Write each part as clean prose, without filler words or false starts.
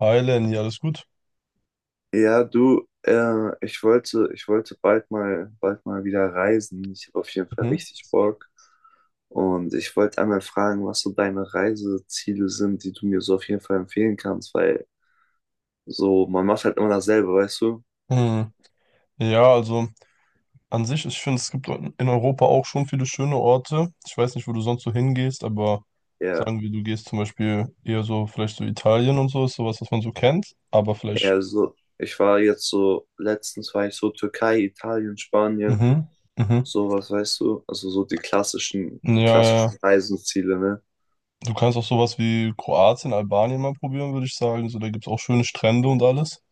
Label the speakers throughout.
Speaker 1: Hi Lenny, alles gut?
Speaker 2: Ja, du, ich wollte bald mal wieder reisen. Ich habe auf jeden Fall
Speaker 1: Mhm.
Speaker 2: richtig Bock. Und ich wollte einmal fragen, was so deine Reiseziele sind, die du mir so auf jeden Fall empfehlen kannst, weil so, man macht halt immer dasselbe, weißt du?
Speaker 1: Hm. Ja, also an sich, ich finde, es gibt in Europa auch schon viele schöne Orte. Ich weiß nicht, wo du sonst so hingehst, aber
Speaker 2: Ja,
Speaker 1: sagen wir, du gehst zum Beispiel eher so, vielleicht so Italien und so, ist sowas, was man so kennt, aber vielleicht.
Speaker 2: eher so. Ich war jetzt so, letztens war ich so Türkei, Italien, Spanien,
Speaker 1: Mhm. Mhm.
Speaker 2: sowas, weißt du? Also so die
Speaker 1: Ja, ja.
Speaker 2: klassischen Reiseziele, ne?
Speaker 1: Du kannst auch sowas wie Kroatien, Albanien mal probieren, würde ich sagen. So, da gibt es auch schöne Strände und alles.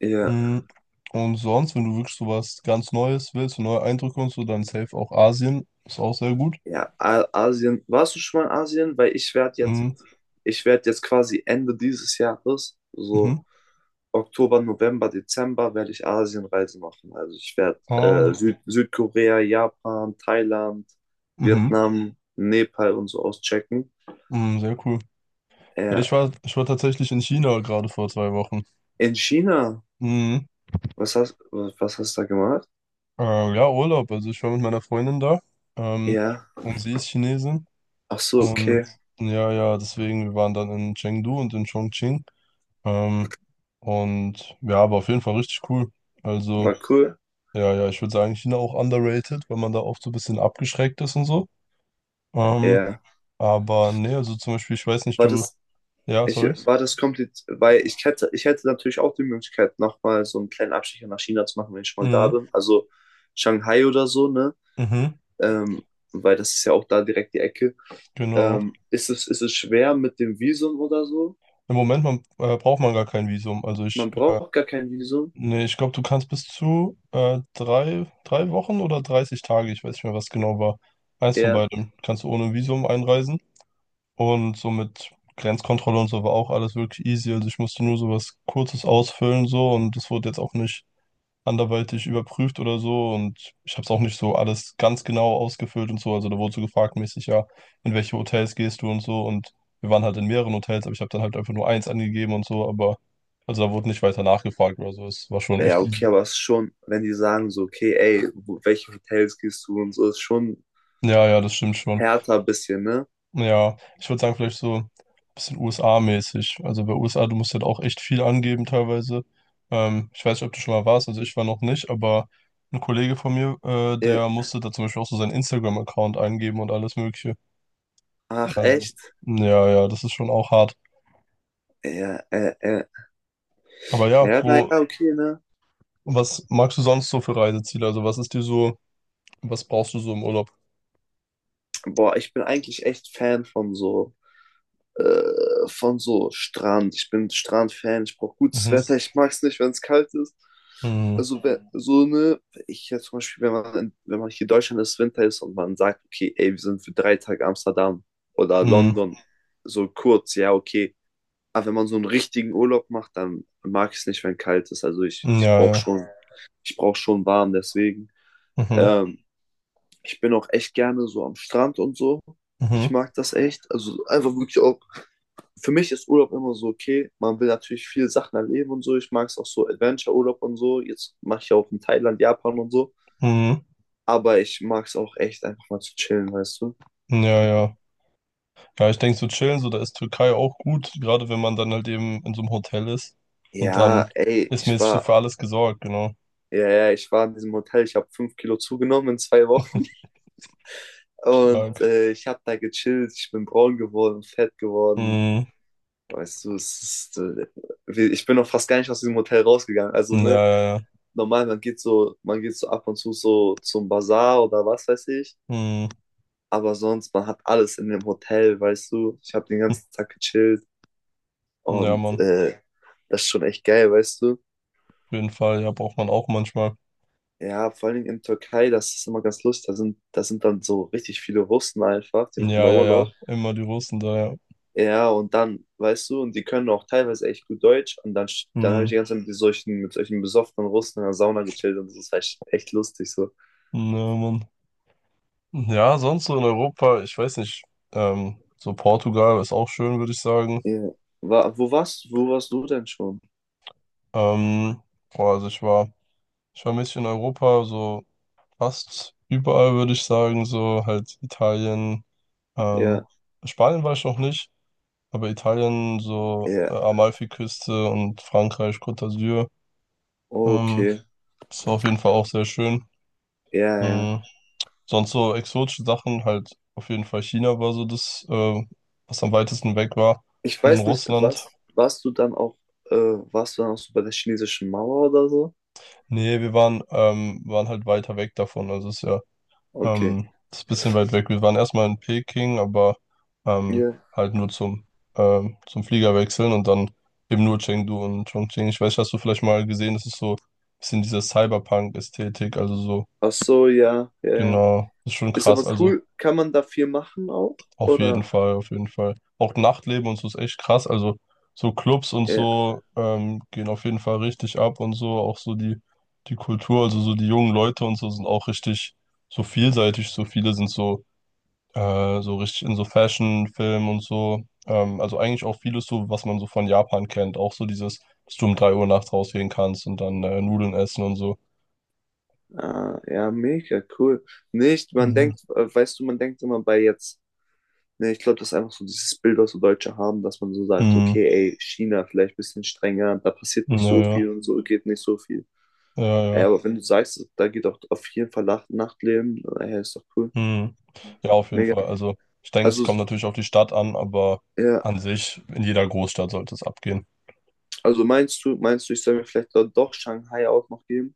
Speaker 2: Ja.
Speaker 1: Mhm. Und sonst, wenn du wirklich sowas ganz Neues willst, so neue Eindrücke und so, dann safe auch Asien. Ist auch sehr gut.
Speaker 2: Ja, Asien. Warst du schon mal in Asien? Weil
Speaker 1: Mhm.
Speaker 2: ich werde jetzt quasi Ende dieses Jahres,
Speaker 1: Mhm.
Speaker 2: so Oktober, November, Dezember, werde ich Asienreise machen. Also ich werde
Speaker 1: Ah,
Speaker 2: Südkorea, Japan, Thailand,
Speaker 1: Mhm.
Speaker 2: Vietnam, Nepal und so auschecken.
Speaker 1: Mhm, sehr cool. Ja,
Speaker 2: Ja,
Speaker 1: ich war tatsächlich in China gerade vor 2 Wochen.
Speaker 2: in China.
Speaker 1: Mhm.
Speaker 2: Was hast du da gemacht?
Speaker 1: Ja, Urlaub. Also ich war mit meiner Freundin da. Ähm,
Speaker 2: Ja.
Speaker 1: und sie ist Chinesin.
Speaker 2: Ach so,
Speaker 1: Und
Speaker 2: okay.
Speaker 1: ja, ja, deswegen, wir waren dann in Chengdu und in Chongqing. Ähm, und ja, aber auf jeden Fall richtig cool. Also,
Speaker 2: War cool.
Speaker 1: ja, ja, ich würde sagen, China auch underrated, weil man da oft so ein bisschen abgeschreckt ist und so. Ähm,
Speaker 2: Ja.
Speaker 1: aber nee, also zum Beispiel, ich weiß nicht,
Speaker 2: War
Speaker 1: du.
Speaker 2: das,
Speaker 1: Ja,
Speaker 2: Ich äh,
Speaker 1: sorry.
Speaker 2: war das kompliziert, weil ich hätte natürlich auch die Möglichkeit, nochmal so einen kleinen Abstecher nach China zu machen, wenn ich schon mal da
Speaker 1: Mhm.
Speaker 2: bin. Also Shanghai oder so, ne?
Speaker 1: Mhm.
Speaker 2: Ähm, weil das ist ja auch da direkt die Ecke.
Speaker 1: Genau.
Speaker 2: Ist es schwer mit dem Visum oder so?
Speaker 1: Im Moment man, braucht man gar kein Visum. Also ich,
Speaker 2: Man braucht gar kein Visum.
Speaker 1: nee, ich glaube, du kannst bis zu drei Wochen oder 30 Tage, ich weiß nicht mehr, was genau war. Eins von
Speaker 2: Ja,
Speaker 1: beidem. Kannst du ohne Visum einreisen. Und so mit Grenzkontrolle und so war auch alles wirklich easy. Also ich musste nur so was Kurzes ausfüllen so und das wurde jetzt auch nicht anderweitig überprüft oder so und ich habe es auch nicht so alles ganz genau ausgefüllt und so. Also da wurde so gefragt mäßig, ja, in welche Hotels gehst du und so und wir waren halt in mehreren Hotels, aber ich habe dann halt einfach nur eins angegeben und so, aber also da wurde nicht weiter nachgefragt oder so. Es war schon
Speaker 2: ja,
Speaker 1: echt
Speaker 2: okay,
Speaker 1: easy.
Speaker 2: aber es ist schon, wenn die sagen so, okay, ey, welche Hotels gehst du und so, ist schon
Speaker 1: Ja, ja, das stimmt schon.
Speaker 2: härter ein bisschen, ne?
Speaker 1: Ja, ich würde sagen, vielleicht so ein bisschen USA-mäßig. Also bei USA, du musst halt auch echt viel angeben teilweise. Ich weiß nicht, ob du schon mal warst, also ich war noch nicht, aber ein Kollege von mir,
Speaker 2: Ja,
Speaker 1: der musste da zum Beispiel auch so seinen Instagram-Account eingeben und alles Mögliche.
Speaker 2: ach,
Speaker 1: Also,
Speaker 2: echt?
Speaker 1: ja, ja, das ist schon auch hart.
Speaker 2: Ja.
Speaker 1: Aber ja,
Speaker 2: Ja, naja, okay, ne?
Speaker 1: was magst du sonst so für Reiseziele? Also was ist dir so, was brauchst du so im Urlaub?
Speaker 2: Boah, ich bin eigentlich echt Fan von so Strand. Ich bin Strand-Fan, ich brauche gutes
Speaker 1: Mhm.
Speaker 2: Wetter, ich mag es nicht, wenn es kalt ist.
Speaker 1: Mhm.
Speaker 2: Also, ja. wenn, so eine, ich jetzt zum Beispiel, wenn man hier in Deutschland ist, Winter ist und man sagt, okay, ey, wir sind für 3 Tage Amsterdam oder
Speaker 1: Mhm.
Speaker 2: London, so kurz, ja, okay. Aber wenn man so einen richtigen Urlaub macht, dann mag ich es nicht, wenn kalt ist. Also
Speaker 1: Mhm. Ja, ja.
Speaker 2: ich brauche schon warm, deswegen.
Speaker 1: Mhm.
Speaker 2: Ähm, Ich bin auch echt gerne so am Strand und so. Ich
Speaker 1: Mhm.
Speaker 2: mag das echt. Also einfach wirklich auch für mich ist Urlaub immer so, okay, man will natürlich viele Sachen erleben und so. Ich mag es auch so Adventure-Urlaub und so. Jetzt mache ich ja auch in Thailand, Japan und so.
Speaker 1: Mhm.
Speaker 2: Aber ich mag es auch echt einfach mal zu chillen, weißt du?
Speaker 1: Ja, ja. Ja, ich denke, so chillen, so da ist Türkei auch gut, gerade wenn man dann halt eben in so einem Hotel ist. Und
Speaker 2: Ja,
Speaker 1: dann
Speaker 2: ey,
Speaker 1: ist mäßig so für alles gesorgt, genau.
Speaker 2: ja, ja, ich war in diesem Hotel. Ich habe 5 Kilo zugenommen in 2 Wochen. Und
Speaker 1: Stark.
Speaker 2: ich habe da gechillt. Ich bin braun geworden, fett geworden.
Speaker 1: Mhm.
Speaker 2: Weißt du, ich bin noch fast gar nicht aus diesem Hotel rausgegangen. Also,
Speaker 1: Ja,
Speaker 2: ne,
Speaker 1: ja, ja.
Speaker 2: normal, man geht so ab und zu so zum Bazar oder was weiß ich.
Speaker 1: Mhm.
Speaker 2: Aber sonst, man hat alles in dem Hotel, weißt du. Ich habe den ganzen Tag gechillt
Speaker 1: Ja,
Speaker 2: und
Speaker 1: Mann.
Speaker 2: das ist schon echt geil, weißt du.
Speaker 1: Auf jeden Fall. Ja, braucht man auch manchmal.
Speaker 2: Ja, vor allem in Türkei, das ist immer ganz lustig. Da sind dann so richtig viele Russen einfach, die machen da
Speaker 1: Ja, ja,
Speaker 2: Urlaub.
Speaker 1: ja. Immer die Russen da, ja.
Speaker 2: Ja, und dann, weißt du, und die können auch teilweise echt gut Deutsch. Und dann habe ich die
Speaker 1: Mhm.
Speaker 2: ganze Zeit mit mit solchen besoffenen Russen in der Sauna gechillt und das ist echt, echt lustig so.
Speaker 1: Ja, Mann. Ja, sonst so in Europa, ich weiß nicht. So Portugal ist auch schön, würde ich sagen.
Speaker 2: Ja. Wo warst du denn schon?
Speaker 1: Ähm, Boah, also ich war mäßig in Europa, so. Fast überall würde ich sagen, so halt Italien, ähm,
Speaker 2: Ja,
Speaker 1: Spanien war ich noch nicht, aber Italien, so
Speaker 2: ja,
Speaker 1: Amalfiküste und Frankreich, Côte d'Azur, ähm,
Speaker 2: okay.
Speaker 1: ist auf jeden Fall auch sehr schön.
Speaker 2: Ja, ja.
Speaker 1: Mhm. Sonst so exotische Sachen, halt auf jeden Fall China war so das, was am weitesten weg war.
Speaker 2: Ich
Speaker 1: Und in
Speaker 2: weiß nicht,
Speaker 1: Russland,
Speaker 2: warst du dann auch so bei der chinesischen Mauer oder so?
Speaker 1: nee, wir waren halt weiter weg davon, also es ist ja
Speaker 2: Okay.
Speaker 1: Das ist ein bisschen weit weg. Wir waren erstmal in Peking, aber
Speaker 2: Ja.
Speaker 1: halt nur zum Flieger wechseln und dann eben nur Chengdu und Chongqing. Ich weiß, hast du vielleicht mal gesehen, das ist so ein bisschen diese Cyberpunk-Ästhetik, also so,
Speaker 2: Ach so, ja, ja, ja.
Speaker 1: genau, das ist schon
Speaker 2: Ist
Speaker 1: krass.
Speaker 2: aber
Speaker 1: Also
Speaker 2: cool. Kann man da viel machen auch?
Speaker 1: auf jeden
Speaker 2: Oder?
Speaker 1: Fall, auf jeden Fall. Auch Nachtleben und so ist echt krass. Also so Clubs und
Speaker 2: Ja,
Speaker 1: so gehen auf jeden Fall richtig ab und so. Auch so die Kultur, also so die jungen Leute und so sind auch richtig so vielseitig. So viele sind so richtig in so Fashion, Film und so. Also eigentlich auch vieles so, was man so von Japan kennt. Auch so dieses, dass du um 3 Uhr nachts rausgehen kannst und dann Nudeln essen und so.
Speaker 2: ah, ja, mega cool. Nicht, man
Speaker 1: Mhm.
Speaker 2: denkt, weißt du, man denkt immer bei jetzt, ne, ich glaube, das ist einfach so dieses Bild, was so Deutsche haben, dass man so sagt,
Speaker 1: Mhm.
Speaker 2: okay, ey, China vielleicht ein bisschen strenger, da passiert
Speaker 1: Ja,
Speaker 2: nicht so
Speaker 1: ja,
Speaker 2: viel und so geht nicht so viel.
Speaker 1: ja,
Speaker 2: Ja,
Speaker 1: ja.
Speaker 2: aber wenn du sagst, da geht auch auf jeden Fall Nachtleben, ja, ist doch cool.
Speaker 1: Mhm. Ja, auf jeden
Speaker 2: Mega.
Speaker 1: Fall. Also ich denke, es
Speaker 2: Also,
Speaker 1: kommt natürlich auf die Stadt an, aber
Speaker 2: ja,
Speaker 1: an sich, in jeder Großstadt sollte es abgehen.
Speaker 2: also meinst du, ich soll mir vielleicht dort doch Shanghai auch noch geben?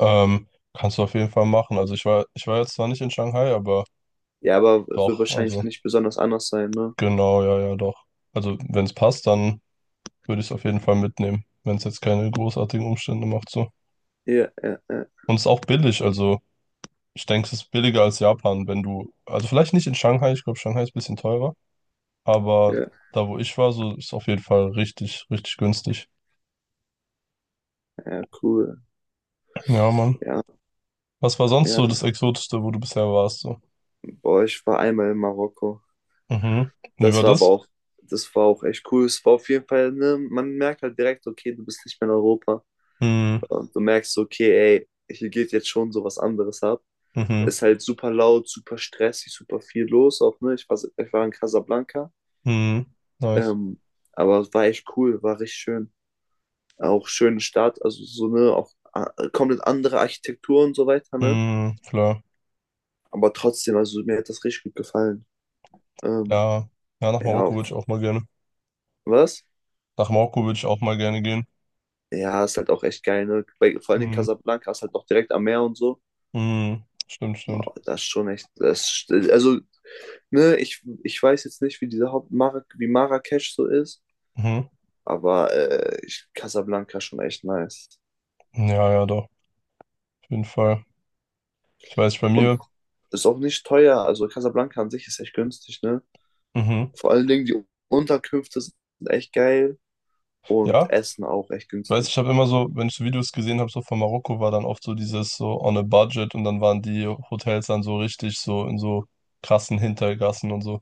Speaker 1: Kannst du auf jeden Fall machen. Also ich war jetzt zwar nicht in Shanghai, aber
Speaker 2: Ja, aber es wird
Speaker 1: doch,
Speaker 2: wahrscheinlich
Speaker 1: also
Speaker 2: nicht besonders anders sein, ne?
Speaker 1: genau, ja, ja, doch. Also wenn es passt, dann. Würde ich es auf jeden Fall mitnehmen, wenn es jetzt keine großartigen Umstände macht so.
Speaker 2: Ja, ja, ja,
Speaker 1: Und es ist auch billig, also ich denke, es ist billiger als Japan, wenn du, also vielleicht nicht in Shanghai, ich glaube, Shanghai ist ein bisschen teurer, aber
Speaker 2: ja,
Speaker 1: da wo ich war, so ist es auf jeden Fall richtig, richtig günstig.
Speaker 2: ja, cool.
Speaker 1: Ja, Mann.
Speaker 2: Ja,
Speaker 1: Was war sonst
Speaker 2: ja.
Speaker 1: so das Exotischste, wo du bisher warst so?
Speaker 2: Boah, ich war einmal in Marokko.
Speaker 1: Mhm. Wie war
Speaker 2: Das war aber
Speaker 1: das?
Speaker 2: auch, das war auch echt cool. Es war auf jeden Fall, ne, man merkt halt direkt, okay, du bist nicht mehr in Europa.
Speaker 1: Mhm.
Speaker 2: Und du merkst, okay, ey, hier geht jetzt schon so was anderes ab.
Speaker 1: Mhm.
Speaker 2: Ist halt super laut, super stressig, super viel los auch, ne? Ich war in Casablanca.
Speaker 1: Mhm. Nice.
Speaker 2: Ähm, aber es war echt cool, war richtig schön. Auch schöne Stadt, also so, ne, auch komplett andere Architektur und so weiter, ne?
Speaker 1: Mhm. Klar.
Speaker 2: Aber trotzdem, also mir hat das richtig gut gefallen. Ähm,
Speaker 1: Ja. Ja, nach
Speaker 2: ja,
Speaker 1: Marokko würde ich auch mal gerne.
Speaker 2: was?
Speaker 1: Nach Marokko würde ich auch mal gerne gehen.
Speaker 2: Ja, ist halt auch echt geil, ne? Vor allem in
Speaker 1: Mhm.
Speaker 2: Casablanca ist halt auch direkt am Meer und so.
Speaker 1: Mhm. Stimmt, stimmt.
Speaker 2: Wow, das ist schon echt, also, ne, ich weiß jetzt nicht, wie diese Haupt Mar wie Marrakesch so ist,
Speaker 1: Mhm.
Speaker 2: aber Casablanca ist schon echt nice.
Speaker 1: Ja, ja, doch, auf jeden Fall. Ich weiß, bei
Speaker 2: Und
Speaker 1: mir,
Speaker 2: ist auch nicht teuer, also Casablanca an sich ist echt günstig, ne?
Speaker 1: mhm.
Speaker 2: Vor allen Dingen die Unterkünfte sind echt geil und
Speaker 1: Ja,
Speaker 2: Essen auch echt
Speaker 1: ich weiß, ich
Speaker 2: günstig.
Speaker 1: habe immer so, wenn ich so Videos gesehen habe, so von Marokko, war dann oft so dieses so on a budget und dann waren die Hotels dann so richtig so in so krassen Hintergassen und so.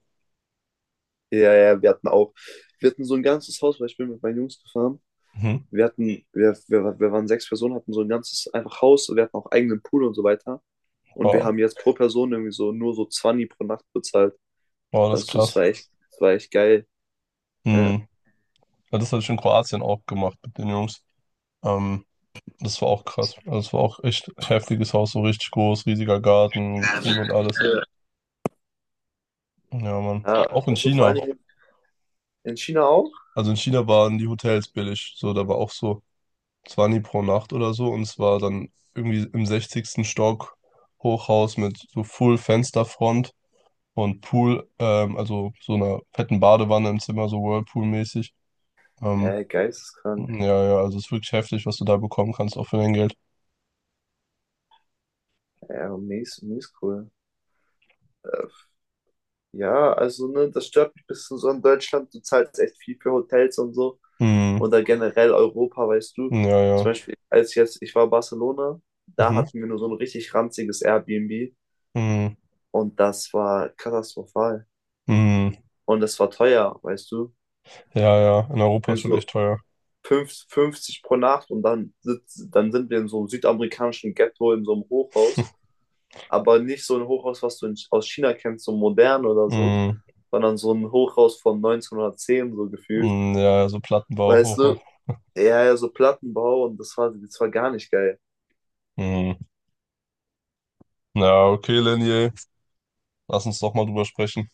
Speaker 2: Ja, ja, wir hatten so ein ganzes Haus, weil ich bin mit meinen Jungs gefahren.
Speaker 1: Mhm.
Speaker 2: Wir hatten, wir waren 6 Personen, hatten so ein ganzes einfach Haus, wir hatten auch eigenen Pool und so weiter. Und wir
Speaker 1: Wow,
Speaker 2: haben jetzt pro Person irgendwie so nur so 20 pro Nacht bezahlt.
Speaker 1: wow, das ist
Speaker 2: Also
Speaker 1: krass.
Speaker 2: es war echt geil. Ja,
Speaker 1: Mhm. Ja, das habe ich in Kroatien auch gemacht mit den Jungs. Ähm, Das war auch krass. Also, das war auch echt heftiges Haus, so richtig groß, riesiger Garten, Pool und alles. Ja, Mann.
Speaker 2: ja
Speaker 1: Auch in
Speaker 2: also vor allen
Speaker 1: China.
Speaker 2: Dingen in China auch.
Speaker 1: Also in China waren die Hotels billig. So, da war auch so, 20 pro Nacht oder so und es war dann irgendwie im 60. Stock Hochhaus mit so Full Fensterfront und Pool, also so einer fetten Badewanne im Zimmer, so Whirlpool-mäßig. Ähm,
Speaker 2: Geisteskrank.
Speaker 1: ja, ja, also es ist wirklich heftig, was du da bekommen kannst, auch für dein Geld.
Speaker 2: Ja, mies, mies cool. Äh, Ja, also ne, das stört mich ein bisschen so in Deutschland. Du zahlst echt viel für Hotels und so.
Speaker 1: Mhm.
Speaker 2: Oder generell Europa, weißt du.
Speaker 1: Ja,
Speaker 2: Zum
Speaker 1: ja.
Speaker 2: Beispiel, ich war in Barcelona, da
Speaker 1: Mhm.
Speaker 2: hatten wir nur so ein richtig ranziges Airbnb
Speaker 1: Mhm.
Speaker 2: und das war katastrophal.
Speaker 1: Mhm.
Speaker 2: Und das war teuer, weißt du.
Speaker 1: Ja, ja, in Europa ist
Speaker 2: Irgendwie
Speaker 1: schon echt
Speaker 2: so
Speaker 1: teuer.
Speaker 2: 50 pro Nacht und dann sind wir in so einem südamerikanischen Ghetto, in so einem Hochhaus. Aber nicht so ein Hochhaus, was du aus China kennst, so modern oder so,
Speaker 1: Mhm.
Speaker 2: sondern so ein Hochhaus von 1910 so gefühlt.
Speaker 1: Mhm. Ja, ja, so Plattenbau,
Speaker 2: Weißt
Speaker 1: Hochhaus.
Speaker 2: du? Ja, ja, so Plattenbau und das war gar nicht geil.
Speaker 1: Mhm. Ja, okay, Lenny, lass uns doch mal drüber sprechen.